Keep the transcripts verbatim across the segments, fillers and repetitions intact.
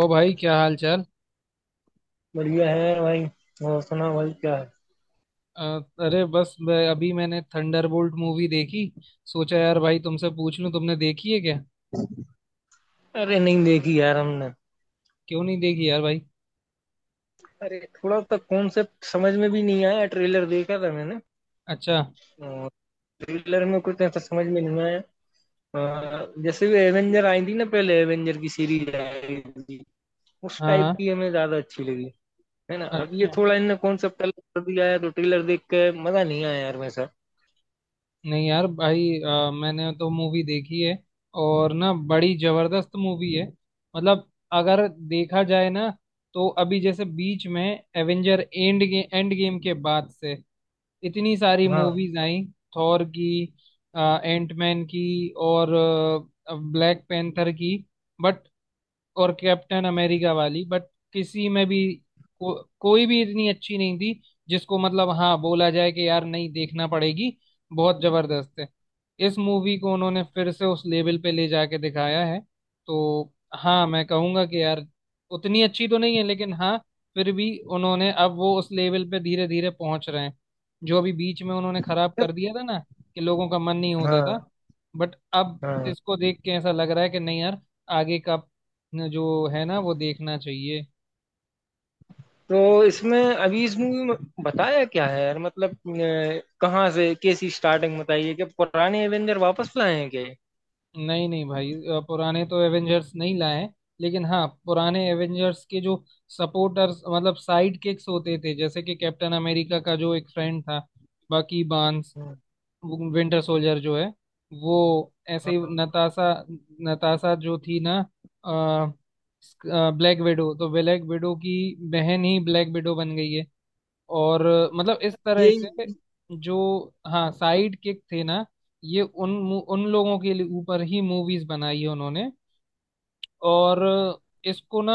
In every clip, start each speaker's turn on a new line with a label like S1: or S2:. S1: ओ भाई क्या हाल चाल।
S2: बढ़िया है भाई। और सुना भाई क्या है?
S1: अ, अरे बस मैं- अभी मैंने थंडरबोल्ट मूवी देखी। सोचा यार भाई तुमसे पूछ लूं तुमने देखी है क्या।
S2: अरे नहीं देखी यार हमने।
S1: क्यों नहीं देखी यार भाई।
S2: अरे थोड़ा सा कॉन्सेप्ट समझ में भी नहीं आया, ट्रेलर देखा था मैंने।
S1: अच्छा।
S2: ट्रेलर में कुछ ऐसा समझ में नहीं आया। अ, जैसे भी एवेंजर आई थी ना, पहले एवेंजर की सीरीज आई थी, उस
S1: हाँ
S2: टाइप
S1: हाँ।
S2: की हमें ज्यादा अच्छी लगी। है ना, अब ये
S1: अच्छा।
S2: थोड़ा इनने कॉन्सेप्ट अलग कर दिया है तो ट्रेलर देख के मजा नहीं आया यार वैसा।
S1: नहीं यार भाई, अ, मैंने तो मूवी देखी है। और ना बड़ी जबरदस्त मूवी है। मतलब अगर देखा जाए ना, तो अभी जैसे बीच में एवेंजर एंड गे, एंड गेम के बाद से इतनी सारी
S2: हाँ
S1: मूवीज आई। थॉर की, एंटमैन की, और ब्लैक पैंथर की, बट और कैप्टन अमेरिका वाली। बट किसी में भी को, कोई भी इतनी अच्छी नहीं थी जिसको मतलब हाँ बोला जाए कि यार नहीं देखना पड़ेगी, बहुत जबरदस्त है। इस मूवी को उन्होंने फिर से उस लेवल पे ले जाके दिखाया है। तो हाँ मैं कहूँगा कि यार उतनी अच्छी तो नहीं है, लेकिन हाँ फिर भी उन्होंने अब वो उस लेवल पे धीरे धीरे पहुंच रहे हैं, जो अभी बीच में उन्होंने खराब कर दिया था ना, कि लोगों का मन नहीं होता था।
S2: हाँ।
S1: बट अब
S2: हाँ,
S1: इसको देख के ऐसा लग रहा है कि नहीं यार, आगे का न जो है ना वो देखना चाहिए।
S2: तो इसमें अभी इस मूवी में बताया क्या है यार? मतलब अ, कहाँ से कैसी स्टार्टिंग? बताइए कि पुराने एवेंजर वापस लाए हैं क्या ये?
S1: नहीं नहीं भाई, अ, पुराने तो एवेंजर्स नहीं लाए हैं, लेकिन हाँ पुराने एवेंजर्स के जो सपोर्टर्स मतलब साइड किक्स होते थे, जैसे कि कैप्टन अमेरिका का जो एक फ्रेंड था, बाकी बांस
S2: हम्म।
S1: विंटर सोल्जर जो है वो, ऐसे ही
S2: हाँ,
S1: नताशा। नताशा जो थी ना ब्लैक विडो, तो ब्लैक विडो की बहन ही ब्लैक विडो बन गई है। और मतलब इस तरह से
S2: यही
S1: जो, हाँ साइड किक थे ना, ये उन उन लोगों के लिए ऊपर ही मूवीज बनाई है उन्होंने। और इसको ना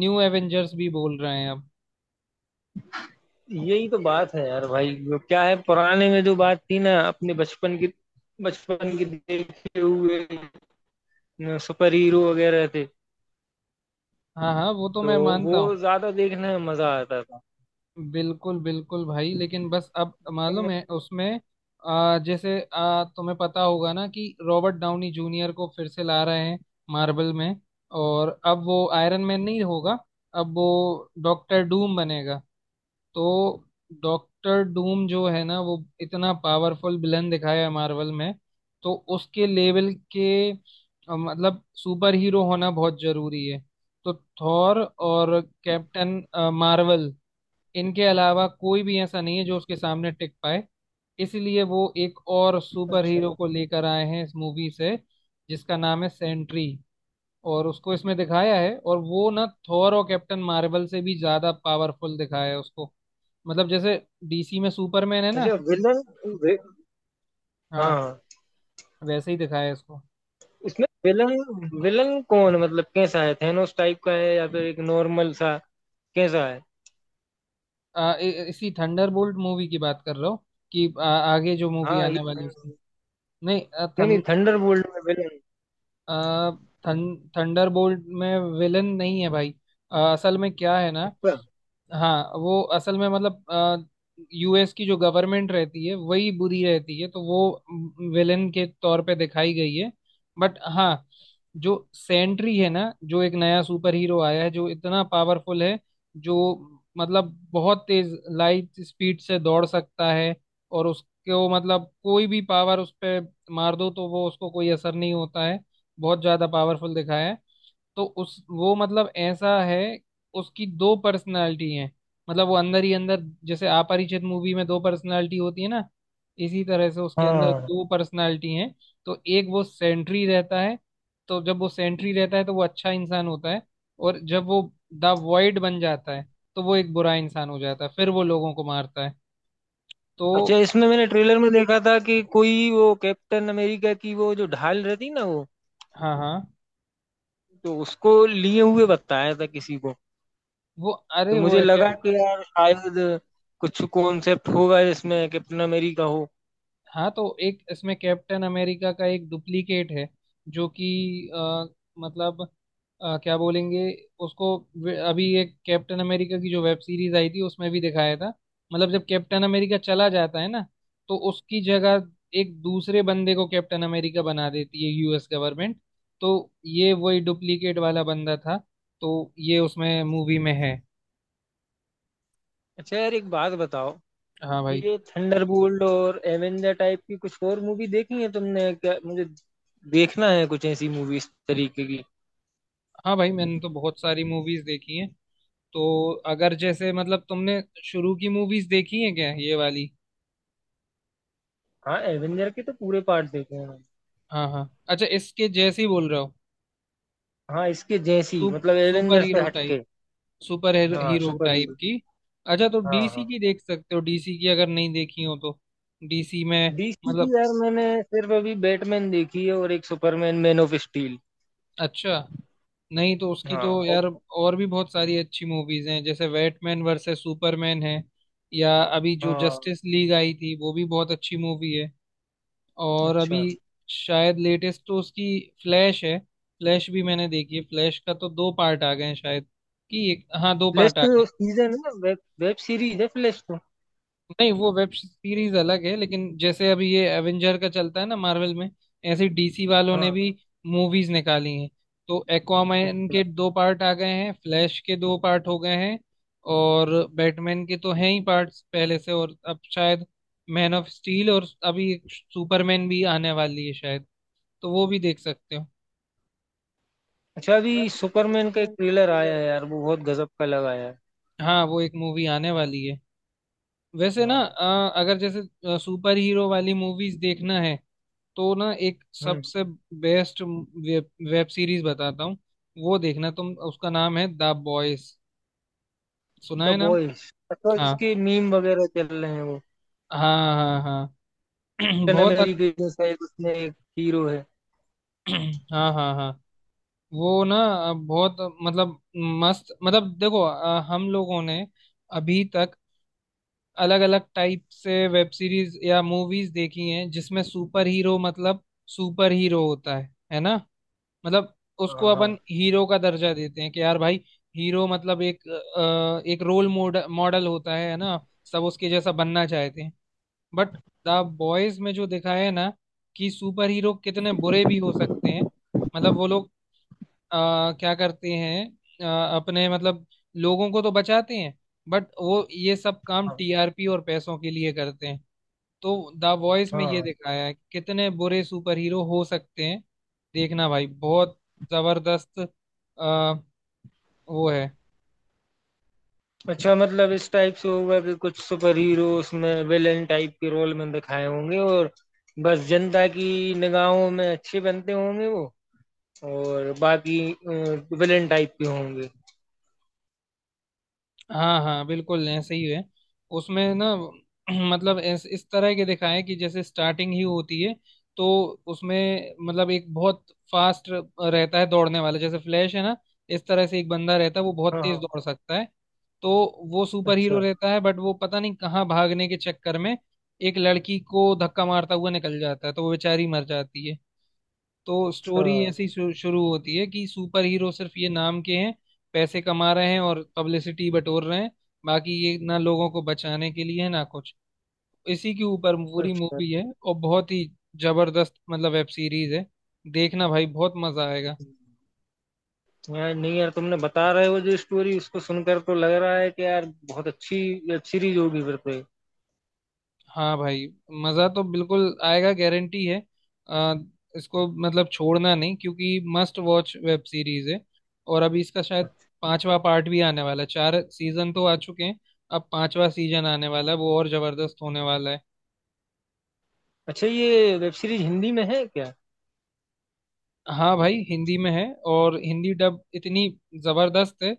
S1: न्यू एवेंजर्स भी बोल रहे हैं अब।
S2: यही तो बात है यार भाई, वो क्या है पुराने में जो बात थी ना, अपने बचपन की, बचपन की देखे हुए सुपर हीरो वगैरह थे,
S1: हाँ हाँ वो तो
S2: तो
S1: मैं मानता
S2: वो
S1: हूँ।
S2: ज्यादा देखने में मजा आता था।
S1: बिल्कुल बिल्कुल भाई, लेकिन बस अब मालूम है उसमें आ, जैसे, आ, तुम्हें पता होगा ना कि रॉबर्ट डाउनी जूनियर को फिर से ला रहे हैं मार्वल में। और अब वो आयरन मैन नहीं होगा, अब वो डॉक्टर डूम बनेगा। तो डॉक्टर डूम जो है ना वो इतना पावरफुल विलन दिखाया है मार्वल में। तो उसके लेवल के अ, मतलब सुपर हीरो होना बहुत जरूरी है। तो थॉर और कैप्टन मार्वल, इनके अलावा कोई भी ऐसा नहीं है जो उसके सामने टिक पाए। इसलिए वो एक और सुपर
S2: अच्छा,
S1: हीरो को लेकर आए हैं इस मूवी से, जिसका नाम है सेंट्री। और उसको इसमें दिखाया है, और वो ना थॉर और कैप्टन मार्वल से भी ज्यादा पावरफुल दिखाया है उसको। मतलब जैसे डीसी में सुपरमैन है ना,
S2: अच्छा। विलन, वे,
S1: हाँ
S2: हाँ,
S1: वैसे ही दिखाया है इसको।
S2: इसमें विलन विलन कौन? मतलब कैसा है, थेनोस टाइप का है या फिर एक नॉर्मल सा, कैसा है?
S1: आ, इ, इसी थंडरबोल्ट मूवी की बात कर रहा हूँ, कि आ, आगे जो मूवी
S2: हाँ ये।
S1: आने वाली है उसकी।
S2: नहीं नहीं,
S1: नहीं,
S2: थंडरबोल्ट में विलन।
S1: आ, थं, थंडरबोल्ट में विलन नहीं है भाई। अ, असल में क्या है ना,
S2: अच्छा।
S1: हाँ वो असल में मतलब यूएस की जो गवर्नमेंट रहती है वही बुरी रहती है, तो वो विलेन के तौर पे दिखाई गई है। बट हाँ, जो सेंट्री है ना, जो एक नया सुपर हीरो आया है, जो इतना पावरफुल है, जो मतलब बहुत तेज लाइट स्पीड से दौड़ सकता है। और उसको मतलब कोई भी पावर उस पे मार दो तो वो, उसको कोई असर नहीं होता है। बहुत ज्यादा पावरफुल दिखाया है। तो उस वो मतलब ऐसा है, उसकी दो पर्सनालिटी हैं। मतलब वो अंदर ही अंदर, जैसे अपरिचित मूवी में दो पर्सनालिटी होती है ना, इसी तरह से उसके अंदर
S2: हाँ,
S1: दो पर्सनालिटी हैं। तो एक वो सेंट्री रहता है। तो जब वो सेंट्री रहता है तो वो अच्छा इंसान होता है, और जब वो द वॉइड बन जाता है तो वो एक बुरा इंसान हो जाता है, फिर वो लोगों को मारता है। तो।
S2: अच्छा, इसमें मैंने ट्रेलर में देखा था कि कोई वो कैप्टन अमेरिका की वो जो ढाल रहती ना, वो,
S1: हाँ हाँ।
S2: तो उसको लिए हुए बताया था किसी को।
S1: वो,
S2: तो
S1: अरे वो
S2: मुझे
S1: है।
S2: लगा कि यार शायद कुछ कॉन्सेप्ट होगा इसमें, कैप्टन अमेरिका हो।
S1: हाँ तो एक इसमें कैप्टन अमेरिका का एक डुप्लीकेट है, जो कि अ, मतलब अ, क्या बोलेंगे उसको। वे- अभी एक कैप्टन अमेरिका की जो वेब सीरीज आई थी उसमें भी दिखाया था। मतलब जब कैप्टन अमेरिका चला जाता है ना, तो उसकी जगह एक दूसरे बंदे को कैप्टन अमेरिका बना देती है यूएस गवर्नमेंट। तो ये वही डुप्लीकेट वाला बंदा था, तो ये उसमें मूवी में है।
S2: अच्छा यार, एक बात बताओ,
S1: हाँ भाई।
S2: ये थंडरबोल्ट और एवेंजर टाइप की कुछ और मूवी देखी है तुमने क्या? मुझे देखना है कुछ ऐसी मूवी इस तरीके की।
S1: हाँ भाई, मैंने तो बहुत सारी मूवीज देखी हैं। तो अगर जैसे, मतलब तुमने शुरू की मूवीज देखी है क्या ये वाली।
S2: हाँ, एवेंजर के तो पूरे पार्ट देखे हैं मैंने।
S1: हाँ हाँ, अच्छा इसके जैसे ही बोल रहे हो।
S2: हाँ, इसके जैसी
S1: सुप,
S2: मतलब,
S1: सुपर
S2: एवेंजर से
S1: हीरो टाइप,
S2: हटके।
S1: सुपर
S2: हाँ,
S1: हीरो
S2: सुपर
S1: टाइप
S2: हीरो।
S1: की। अच्छा तो
S2: हाँ
S1: डीसी
S2: हाँ।
S1: की देख सकते हो, डीसी की अगर नहीं देखी हो तो। डीसी में
S2: डीसी की
S1: मतलब,
S2: यार मैंने सिर्फ अभी बैटमैन देखी है और एक सुपरमैन, मैन ऑफ स्टील।
S1: अच्छा, नहीं तो उसकी
S2: हाँ,
S1: तो
S2: और-
S1: यार और भी बहुत सारी अच्छी मूवीज हैं, जैसे बैटमैन वर्सेस सुपरमैन है, या अभी जो
S2: हाँ।
S1: जस्टिस लीग आई थी वो भी बहुत अच्छी मूवी है। और
S2: अच्छा।
S1: अभी शायद लेटेस्ट तो उसकी फ्लैश है। फ्लैश भी मैंने देखी है, फ्लैश का तो दो पार्ट आ गए हैं शायद, कि एक, हाँ दो
S2: फ्लैश
S1: पार्ट आ गए हैं।
S2: तो सीजन है, वेब वेब सीरीज है फ्लैश तो।
S1: नहीं वो वेब सीरीज अलग है, लेकिन जैसे अभी ये एवेंजर का चलता है ना मार्वल में, ऐसे डीसी वालों ने
S2: हाँ।
S1: भी मूवीज निकाली हैं। तो एक्वामैन के
S2: अच्छा।
S1: दो पार्ट आ गए हैं, फ्लैश के दो पार्ट हो गए हैं। और बैटमैन के तो हैं ही पार्ट्स पहले से, और अब शायद मैन ऑफ स्टील, और अभी सुपरमैन भी आने वाली है शायद, तो वो भी देख सकते हो।
S2: अच्छा,
S1: यार
S2: अभी सुपरमैन का एक
S1: सुपरमैन के
S2: ट्रेलर आया
S1: ट्रेलर,
S2: है यार, वो बहुत गजब का लगाया है।
S1: हाँ वो एक मूवी आने वाली है। वैसे ना,
S2: हाँ।
S1: अ, अगर जैसे सुपर हीरो वाली मूवीज देखना है, तो ना एक
S2: हुँ,
S1: सबसे बेस्ट वेब, वेब सीरीज बताता हूँ। वो देखना तुम, उसका नाम है द बॉयज। सुना
S2: द
S1: है नाम।
S2: बॉयज। अच्छा,
S1: हाँ
S2: इसके मीम वगैरह चल रहे हैं वो?
S1: हाँ हाँ हाँ।
S2: कैप्टन
S1: बहुत अच्छ-
S2: अमेरिका जो शायद उसमें एक हीरो है।
S1: हाँ हाँ हाँ। वो ना अ, बहुत मतलब मस्त, मतलब देखो अ, हम लोगों ने अभी तक अलग अलग टाइप से वेब सीरीज या मूवीज देखी हैं, जिसमें सुपर हीरो, मतलब सुपर हीरो होता है है ना, मतलब उसको
S2: हाँ
S1: अपन
S2: हाँ
S1: हीरो का दर्जा देते हैं कि यार भाई। हीरो मतलब एक, अ, एक रोल मॉडल मॉडल होता है है ना, सब उसके जैसा बनना चाहते हैं। बट द बॉयज में जो दिखाया है ना, कि सुपर हीरो कितने बुरे भी हो सकते हैं। मतलब वो लोग आ, क्या करते हैं, अ, अपने मतलब लोगों को तो बचाते हैं, बट वो ये सब काम
S2: हाँ।
S1: टीआरपी और पैसों के लिए करते हैं। तो द वॉइस में
S2: हाँ
S1: ये
S2: हाँ।
S1: दिखाया है कि कितने बुरे सुपर हीरो हो सकते हैं। देखना भाई, बहुत जबरदस्त अ, वो है।
S2: अच्छा, मतलब इस टाइप से होगा कि कुछ सुपर हीरो उसमें विलेन टाइप के रोल में दिखाए होंगे, और बस जनता की निगाहों में अच्छे बनते होंगे वो, और बाकी विलेन टाइप के होंगे।
S1: हाँ हाँ बिल्कुल ऐसे ही है। उसमें ना मतलब इस, इस तरह के दिखाया है, कि जैसे स्टार्टिंग ही होती है तो उसमें मतलब एक बहुत फास्ट रहता है दौड़ने वाला, जैसे फ्लैश है ना, इस तरह से एक बंदा रहता है वो बहुत
S2: हाँ
S1: तेज
S2: हाँ।
S1: दौड़ सकता है। तो वो सुपर
S2: अच्छा।
S1: हीरो रहता है, बट वो पता नहीं कहाँ भागने के चक्कर में एक लड़की को धक्का मारता हुआ निकल जाता है, तो वो बेचारी मर जाती है। तो स्टोरी
S2: अच्छा।
S1: ऐसी शु- शुरू होती है कि सुपर हीरो सिर्फ ये नाम के हैं, पैसे कमा रहे हैं और पब्लिसिटी बटोर रहे हैं, बाकी ये ना लोगों को बचाने के लिए है ना कुछ। इसी के ऊपर पूरी
S2: अच्छा
S1: मूवी है, और बहुत ही जबरदस्त मतलब वेब सीरीज है। देखना भाई, बहुत मजा आएगा।
S2: यार, नहीं यार, तुमने बता रहे हो जो स्टोरी उसको सुनकर तो लग रहा है कि यार बहुत अच्छी वेब सीरीज होगी फिर तो ये।
S1: हाँ भाई, मज़ा तो बिल्कुल आएगा, गारंटी है। आ, इसको मतलब छोड़ना नहीं, क्योंकि मस्ट वॉच वेब सीरीज है। और अभी इसका शायद पांचवा पार्ट भी आने वाला है, चार सीजन तो आ चुके हैं, अब पांचवा सीजन आने वाला है, वो और जबरदस्त होने वाला है।
S2: अच्छा, ये वेब सीरीज हिंदी में है क्या?
S1: हाँ भाई हिंदी में है, और हिंदी डब इतनी जबरदस्त है,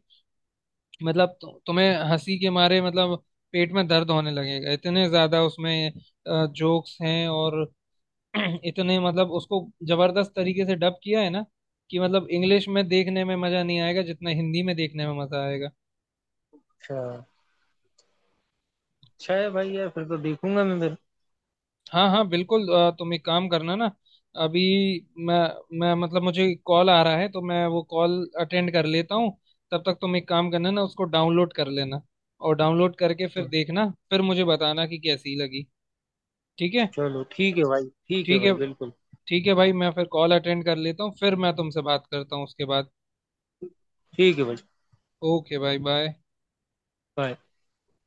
S1: मतलब तु, तुम्हें हंसी के मारे मतलब पेट में दर्द होने लगेगा, इतने ज्यादा उसमें जोक्स हैं। और इतने, मतलब उसको जबरदस्त तरीके से डब किया है ना, कि मतलब इंग्लिश में देखने में मजा नहीं आएगा जितना हिंदी में देखने में मजा आएगा।
S2: अच्छा, अच्छा है भाई, यार फिर तो देखूंगा मैं फिर।
S1: हाँ हाँ बिल्कुल। अ, तुम एक काम करना ना। अभी मैं मैं मतलब मुझे कॉल आ रहा है, तो मैं वो कॉल अटेंड कर लेता हूँ। तब तक तुम एक काम करना ना, उसको डाउनलोड कर लेना, और डाउनलोड करके फिर देखना, फिर मुझे बताना कि कैसी लगी। ठीक है।
S2: चलो ठीक है भाई, ठीक है
S1: ठीक है।
S2: भाई, बिल्कुल
S1: ठीक है भाई, मैं फिर कॉल अटेंड कर लेता हूँ, फिर मैं तुमसे बात करता हूँ उसके बाद।
S2: ठीक है भाई।
S1: ओके भाई बाय।
S2: बाय।